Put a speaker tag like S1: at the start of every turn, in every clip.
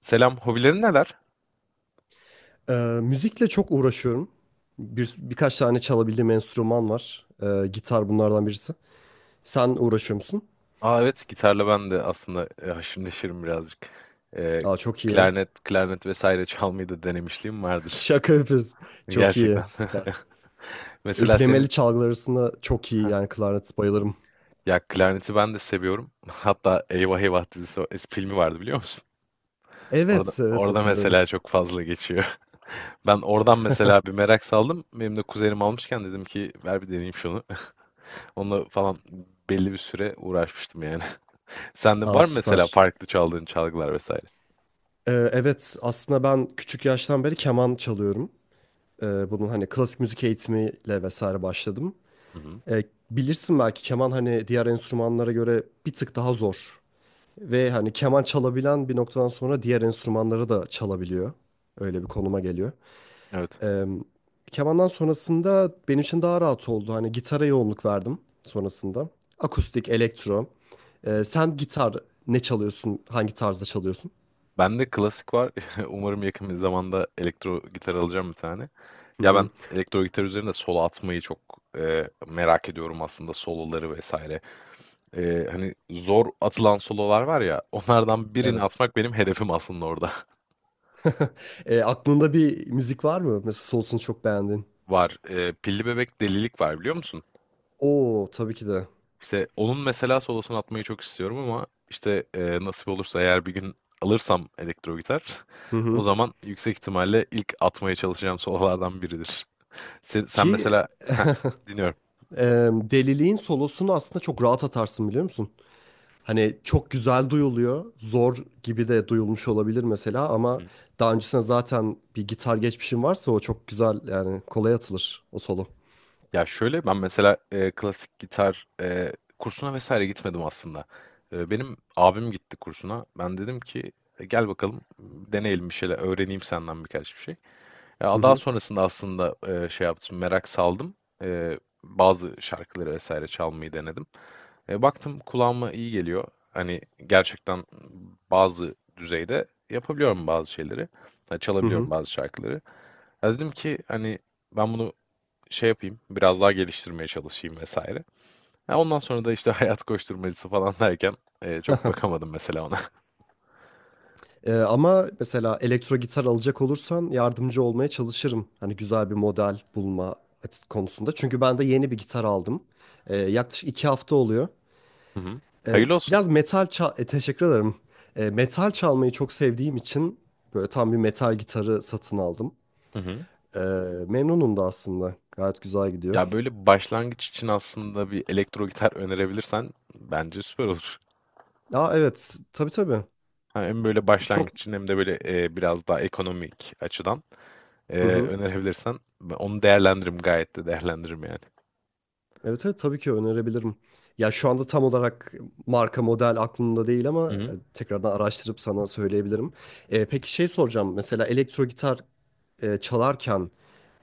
S1: Selam, hobilerin neler?
S2: Ee, müzikle çok uğraşıyorum. Birkaç tane çalabildiğim enstrüman var. Gitar bunlardan birisi. Sen uğraşıyor musun?
S1: Aa evet, gitarla ben de aslında haşır neşirim birazcık. E,
S2: Aa, çok iyi.
S1: klarnet vesaire çalmayı da denemişliğim vardır.
S2: Şaka yapıyorsun. Çok iyi.
S1: Gerçekten.
S2: Süper.
S1: Mesela
S2: Üflemeli
S1: senin,
S2: çalgılar arasında çok iyi yani klarnet bayılırım.
S1: ya klarneti ben de seviyorum. Hatta Eyvah Eyvah dizisi filmi vardı biliyor musun? Orada,
S2: Evet, evet,
S1: orada
S2: hatırlıyorum.
S1: mesela çok fazla geçiyor. Ben oradan mesela bir merak saldım. Benim de kuzenim almışken dedim ki ver bir deneyeyim şunu. Onunla falan belli bir süre uğraşmıştım yani. Sende
S2: Aa,
S1: var mı mesela
S2: süper.
S1: farklı çaldığın çalgılar vesaire?
S2: Evet, aslında ben küçük yaştan beri keman çalıyorum. Bunun hani klasik müzik eğitimiyle vesaire başladım.
S1: Hı hı.
S2: Ee, bilirsin belki keman hani diğer enstrümanlara göre bir tık daha zor. Ve hani keman çalabilen bir noktadan sonra diğer enstrümanları da çalabiliyor. Öyle bir konuma geliyor.
S1: Evet.
S2: Eee, kemandan sonrasında benim için daha rahat oldu. Hani gitara yoğunluk verdim sonrasında. Akustik, elektro. Sen gitar ne çalıyorsun? Hangi tarzda çalıyorsun?
S1: Bende klasik var. Umarım yakın bir zamanda elektro gitar alacağım bir tane.
S2: Hı
S1: Ya ben
S2: hı.
S1: elektro gitar üzerinde solo atmayı çok merak ediyorum aslında soloları vesaire. Hani zor atılan sololar var ya onlardan birini
S2: Evet.
S1: atmak benim hedefim aslında orada.
S2: Aklında bir müzik var mı? Mesela Souls'unu çok beğendin.
S1: Var. Pilli Bebek Delilik var biliyor musun?
S2: Oo, tabii ki de.
S1: İşte onun mesela solosunu atmayı çok istiyorum ama işte nasip olursa eğer bir gün alırsam elektro gitar
S2: Hı
S1: o
S2: hı.
S1: zaman yüksek ihtimalle ilk atmaya çalışacağım sololardan biridir. Sen
S2: Ki
S1: mesela Heh, dinliyorum.
S2: deliliğin solosunu aslında çok rahat atarsın biliyor musun? Hani çok güzel duyuluyor. Zor gibi de duyulmuş olabilir mesela
S1: Hı
S2: ama
S1: hı.
S2: daha öncesinde zaten bir gitar geçmişim varsa o çok güzel yani kolay atılır o solo.
S1: Ya şöyle, ben mesela, klasik gitar, kursuna vesaire gitmedim aslında. Benim abim gitti kursuna. Ben dedim ki, "E, gel bakalım, deneyelim bir şeyler, öğreneyim senden birkaç bir şey."
S2: Hı
S1: Ya daha
S2: hı.
S1: sonrasında aslında şey yaptım, merak saldım. Bazı şarkıları vesaire çalmayı denedim. Baktım kulağıma iyi geliyor. Hani gerçekten bazı düzeyde yapabiliyorum bazı şeyleri. Ha,
S2: Hı
S1: çalabiliyorum
S2: hı.
S1: bazı şarkıları. Ya dedim ki hani ben bunu şey yapayım, biraz daha geliştirmeye çalışayım vesaire. Ya ondan sonra da işte hayat koşturmacası falan derken çok bakamadım mesela ona.
S2: Ama mesela elektro gitar alacak olursan yardımcı olmaya çalışırım. Hani güzel bir model bulma konusunda. Çünkü ben de yeni bir gitar aldım. Yaklaşık iki hafta oluyor.
S1: Hı hı. Hayırlı olsun.
S2: Biraz metal çal... e, teşekkür ederim. Metal çalmayı çok sevdiğim için böyle tam bir metal gitarı satın aldım.
S1: Hı hı.
S2: Ee, memnunum da aslında. Gayet güzel gidiyor.
S1: Ya, böyle başlangıç için aslında bir elektro gitar önerebilirsen bence süper olur.
S2: Ya evet, tabii, tabii.
S1: Ha, hem böyle başlangıç
S2: Çok
S1: için hem de böyle, biraz daha ekonomik açıdan,
S2: hı hı.
S1: önerebilirsen onu değerlendiririm, gayet de değerlendiririm yani.
S2: Evet, evet, tabii ki önerebilirim. Ya şu anda tam olarak marka model aklımda değil ama
S1: Hı hı.
S2: tekrardan araştırıp sana söyleyebilirim. Peki şey soracağım. Mesela elektro gitar çalarken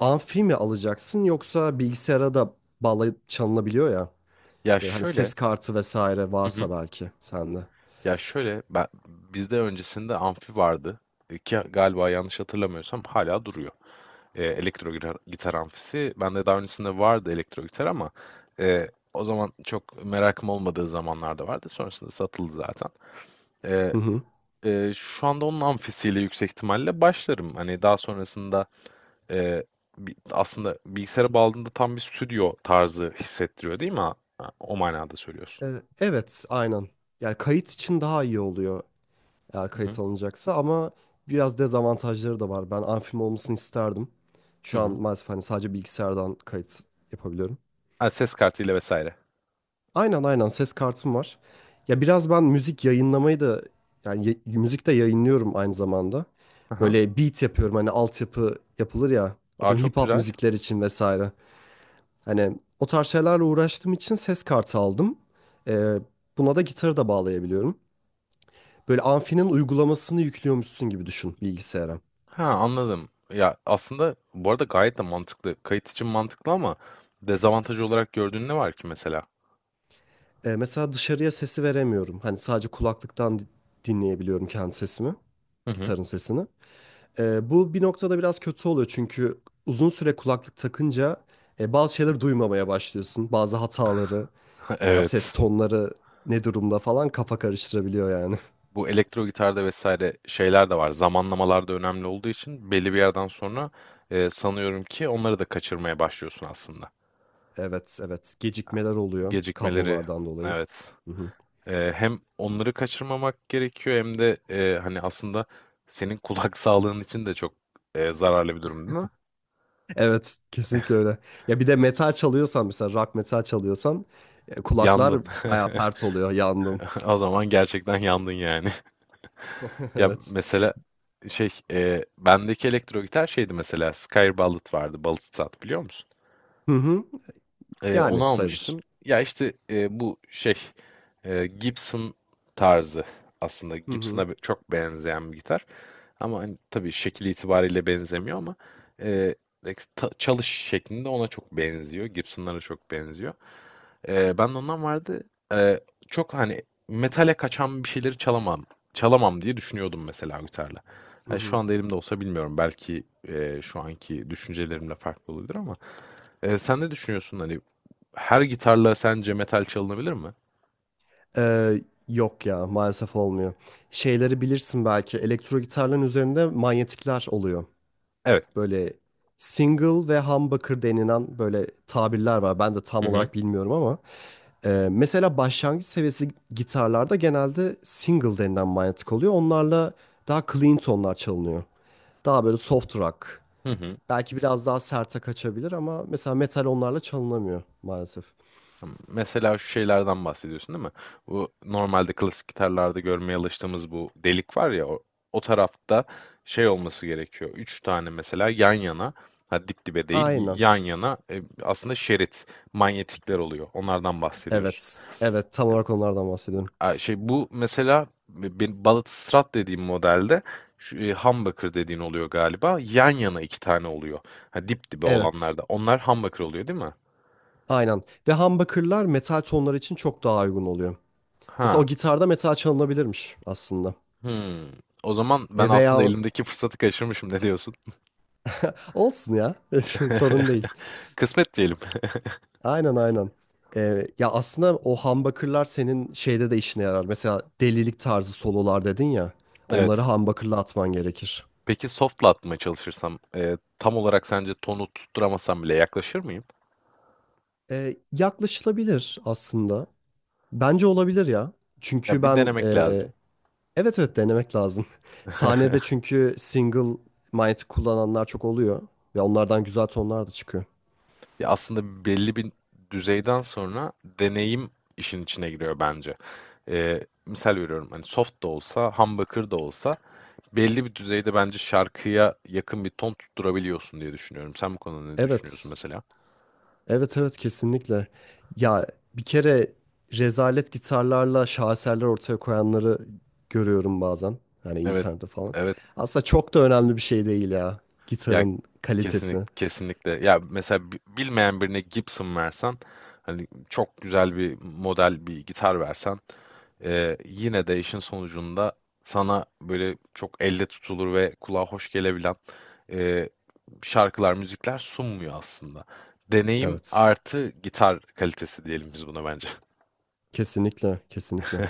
S2: amfi mi alacaksın yoksa bilgisayara da bağlayıp çalınabiliyor ya.
S1: Ya,
S2: Böyle hani
S1: şöyle.
S2: ses kartı vesaire
S1: Hı
S2: varsa
S1: hı.
S2: belki sende.
S1: Ya, şöyle, ben bizde öncesinde amfi vardı, ki galiba yanlış hatırlamıyorsam hala duruyor. Elektro gitar amfisi. Bende daha öncesinde vardı elektro gitar ama, o zaman çok merakım olmadığı zamanlarda vardı. Sonrasında satıldı zaten. Eee,
S2: Hı hı.
S1: şu anda onun amfisiyle yüksek ihtimalle başlarım. Hani daha sonrasında eee, aslında bilgisayara bağladığında tam bir stüdyo tarzı hissettiriyor değil mi? Ha, ha, o manada söylüyorsun.
S2: Evet, aynen. Yani kayıt için daha iyi oluyor. Eğer
S1: Hı hı.
S2: kayıt alınacaksa ama biraz dezavantajları da var. Ben amfim olmasını isterdim.
S1: Hı
S2: Şu an
S1: hı.
S2: maalesef hani sadece bilgisayardan kayıt yapabiliyorum.
S1: Ha, ses kartıyla vesaire.
S2: Aynen, aynen, ses kartım var. Ya biraz ben müzik yayınlamayı da yani müzik de yayınlıyorum aynı zamanda.
S1: Hı hı.
S2: Böyle beat yapıyorum hani altyapı yapılır ya.
S1: Aa
S2: Atıyorum
S1: çok
S2: hip hop
S1: güzel.
S2: müzikler için vesaire. Hani o tarz şeylerle uğraştığım için ses kartı aldım. Ee, buna da gitarı da bağlayabiliyorum. Böyle amfinin uygulamasını yüklüyormuşsun gibi düşün bilgisayara.
S1: Ha anladım. Ya aslında bu arada gayet de mantıklı. Kayıt için mantıklı ama dezavantaj olarak gördüğün ne var ki mesela?
S2: Mesela dışarıya sesi veremiyorum. Hani sadece kulaklıktan dinleyebiliyorum kendi sesimi,
S1: Hı hı.
S2: gitarın sesini. Bu bir noktada biraz kötü oluyor çünkü uzun süre kulaklık takınca bazı şeyleri duymamaya başlıyorsun. Bazı hataları veya ses
S1: Evet.
S2: tonları ne durumda falan kafa karıştırabiliyor yani.
S1: Bu elektro gitarda vesaire şeyler de var. Zamanlamalar da önemli olduğu için belli bir yerden sonra sanıyorum ki onları da kaçırmaya başlıyorsun aslında.
S2: Evet, evet. Gecikmeler oluyor
S1: Gecikmeleri,
S2: kablolardan dolayı.
S1: evet.
S2: Hı hı.
S1: Hem onları kaçırmamak gerekiyor hem de hani aslında senin kulak sağlığın için de çok zararlı bir durum değil mi?
S2: Evet, kesinlikle öyle. Ya bir de metal çalıyorsan, mesela rock metal çalıyorsan, kulaklar
S1: Yandın.
S2: bayağı pert oluyor. Yandım.
S1: O zaman gerçekten yandın yani. Ya
S2: Evet.
S1: mesela şey, bendeki elektro gitar şeydi mesela Skyr Ballad vardı, Ballad Strat biliyor musun?
S2: Hı hı.
S1: Onu
S2: Yani sayılır.
S1: almıştım. Ya işte bu şey Gibson tarzı aslında
S2: Hı hı.
S1: Çok benzeyen bir gitar. Ama hani tabii şekil itibariyle benzemiyor ama eee, çalış şeklinde ona çok benziyor. Gibson'lara çok benziyor. Ben de ondan vardı. Eee, çok hani metale kaçan bir şeyleri çalamam. Çalamam diye düşünüyordum mesela gitarla.
S2: Hı
S1: Yani şu
S2: hı.
S1: anda elimde olsa bilmiyorum. Belki şu anki düşüncelerimle farklı oluyordur ama sen ne düşünüyorsun hani her gitarla sence metal çalınabilir mi?
S2: Ee, yok ya, maalesef olmuyor. Şeyleri bilirsin belki, elektro gitarların üzerinde manyetikler oluyor.
S1: Evet.
S2: Böyle single ve humbucker denilen böyle tabirler var. Ben de tam
S1: Hı hı.
S2: olarak bilmiyorum ama. Mesela başlangıç seviyesi gitarlarda genelde single denilen manyetik oluyor. Onlarla daha clean tonlar çalınıyor. Daha böyle soft rock.
S1: Hı hı.
S2: Belki biraz daha serte kaçabilir ama mesela metal onlarla çalınamıyor maalesef.
S1: Tamam. Mesela şu şeylerden bahsediyorsun değil mi? Bu normalde klasik gitarlarda görmeye alıştığımız bu delik var ya o, o tarafta şey olması gerekiyor. Üç tane mesela yan yana, ha dip dibe değil
S2: Aynen.
S1: yan yana, aslında şerit manyetikler oluyor. Onlardan bahsediyorsun.
S2: Evet. Evet. Tam olarak onlardan bahsediyorum.
S1: Ay, şey bu mesela bir Balıtstrat dediğim modelde şu, humbucker dediğin oluyor galiba. Yan yana iki tane oluyor. Ha, dip dibe
S2: Evet.
S1: olanlarda. Onlar humbucker oluyor değil mi?
S2: Aynen. Ve humbucker'lar metal tonlar için çok daha uygun oluyor. Mesela o
S1: Ha.
S2: gitarda metal çalınabilirmiş aslında.
S1: Hmm. O zaman ben
S2: E
S1: aslında
S2: veya
S1: elimdeki fırsatı kaçırmışım. Ne diyorsun?
S2: olsun ya. Sorun değil.
S1: Kısmet diyelim.
S2: Aynen, aynen. Ya aslında o humbucker'lar senin şeyde de işine yarar. Mesela delilik tarzı sololar dedin ya. Onları
S1: Evet.
S2: humbucker'la atman gerekir.
S1: Peki soft atmaya çalışırsam tam olarak sence tonu tutturamasam bile yaklaşır mıyım?
S2: Yaklaşılabilir aslında. Bence olabilir ya. Çünkü
S1: Ya bir
S2: ben.
S1: denemek lazım.
S2: Evet, evet, denemek lazım. Sahnede çünkü single mic kullananlar çok oluyor ve onlardan güzel tonlar da çıkıyor.
S1: Ya aslında belli bir düzeyden sonra deneyim işin içine giriyor bence. Misal veriyorum hani soft da olsa, humbucker da olsa belli bir düzeyde bence şarkıya yakın bir ton tutturabiliyorsun diye düşünüyorum. Sen bu konuda ne düşünüyorsun
S2: Evet.
S1: mesela?
S2: Evet, evet, kesinlikle. Ya bir kere rezalet gitarlarla şaheserler ortaya koyanları görüyorum bazen. Yani
S1: Evet,
S2: internette falan.
S1: evet.
S2: Aslında çok da önemli bir şey değil ya,
S1: Ya
S2: gitarın kalitesi.
S1: kesinlikle. Ya mesela bilmeyen birine Gibson versen hani çok güzel bir model bir gitar versen yine de işin sonucunda sana böyle çok elle tutulur ve kulağa hoş gelebilen e, şarkılar, müzikler sunmuyor aslında. Deneyim
S2: Evet.
S1: artı gitar kalitesi diyelim biz buna bence.
S2: Kesinlikle, kesinlikle.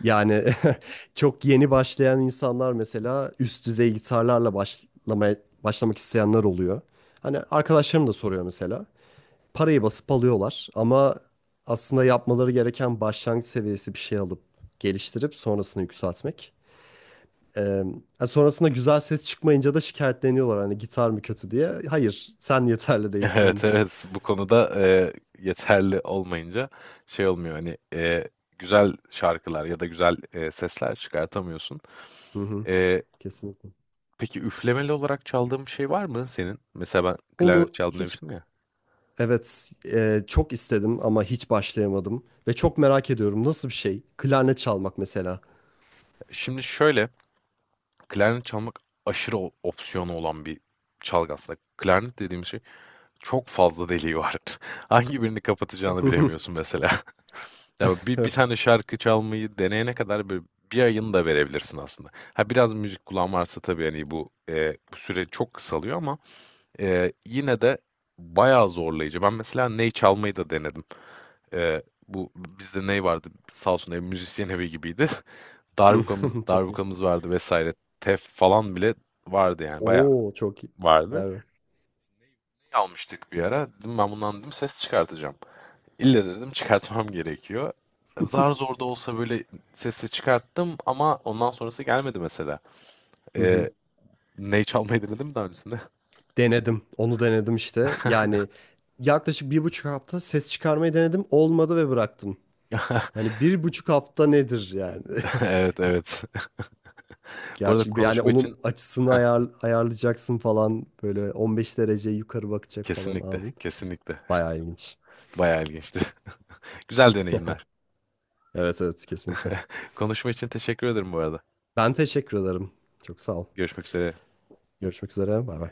S2: Yani çok yeni başlayan insanlar, mesela üst düzey gitarlarla başlamak isteyenler oluyor. Hani arkadaşlarım da soruyor mesela. Parayı basıp alıyorlar ama aslında yapmaları gereken başlangıç seviyesi bir şey alıp geliştirip sonrasını yükseltmek. Ee, yani sonrasında güzel ses çıkmayınca da şikayetleniyorlar hani gitar mı kötü diye. Hayır, sen yeterli değilsin
S1: Evet,
S2: henüz.
S1: evet. Bu konuda, yeterli olmayınca şey olmuyor, hani, güzel şarkılar ya da güzel, sesler çıkartamıyorsun.
S2: Hı hı,
S1: Eee,
S2: kesinlikle.
S1: peki üflemeli olarak çaldığın bir şey var mı senin? Mesela ben klarnet
S2: Onu
S1: çaldım
S2: hiç
S1: demiştim ya.
S2: Evet, çok istedim ama hiç başlayamadım ve çok merak ediyorum, nasıl bir şey? Klarnet çalmak mesela.
S1: Şimdi şöyle, klarnet çalmak aşırı o opsiyonu olan bir çalgı aslında. Klarnet dediğim şey çok fazla deliği var. Hangi birini kapatacağını bilemiyorsun mesela. Ya bir tane
S2: Evet.
S1: şarkı çalmayı deneyene kadar böyle bir ayını da verebilirsin aslında. Ha biraz müzik kulağın varsa tabii hani bu, bu süre çok kısalıyor ama yine de bayağı zorlayıcı. Ben mesela ney çalmayı da denedim. Bu bizde ney vardı, sağ olsun ev müzisyen evi gibiydi. Darbukamız,
S2: Çok iyi.
S1: darbukamız vardı vesaire. Tef falan bile vardı yani bayağı
S2: Oo, çok iyi.
S1: vardı.
S2: Vay.
S1: Ney almıştık bir ara. Dedim ben bundan dedim ses çıkartacağım. İlle dedim çıkartmam gerekiyor. Zar zor da olsa böyle sesi çıkarttım ama ondan sonrası gelmedi mesela.
S2: Hı hı.
S1: Ee, ney çalmayı denedim mi daha öncesinde?
S2: Denedim. Onu denedim işte. Yani yaklaşık bir buçuk hafta ses çıkarmayı denedim. Olmadı ve bıraktım. Yani bir buçuk hafta nedir yani?
S1: Evet evet. Bu arada
S2: Gerçi yani
S1: konuşma için
S2: onun açısını ayarlayacaksın falan. Böyle 15 derece yukarı bakacak falan
S1: kesinlikle
S2: ağzın.
S1: kesinlikle
S2: Bayağı ilginç.
S1: bayağı ilginçti. Güzel deneyimler.
S2: Evet, evet, kesinlikle.
S1: Konuşma için teşekkür ederim bu arada.
S2: Ben teşekkür ederim. Çok sağ ol.
S1: Görüşmek üzere.
S2: Görüşmek üzere. Bay bay.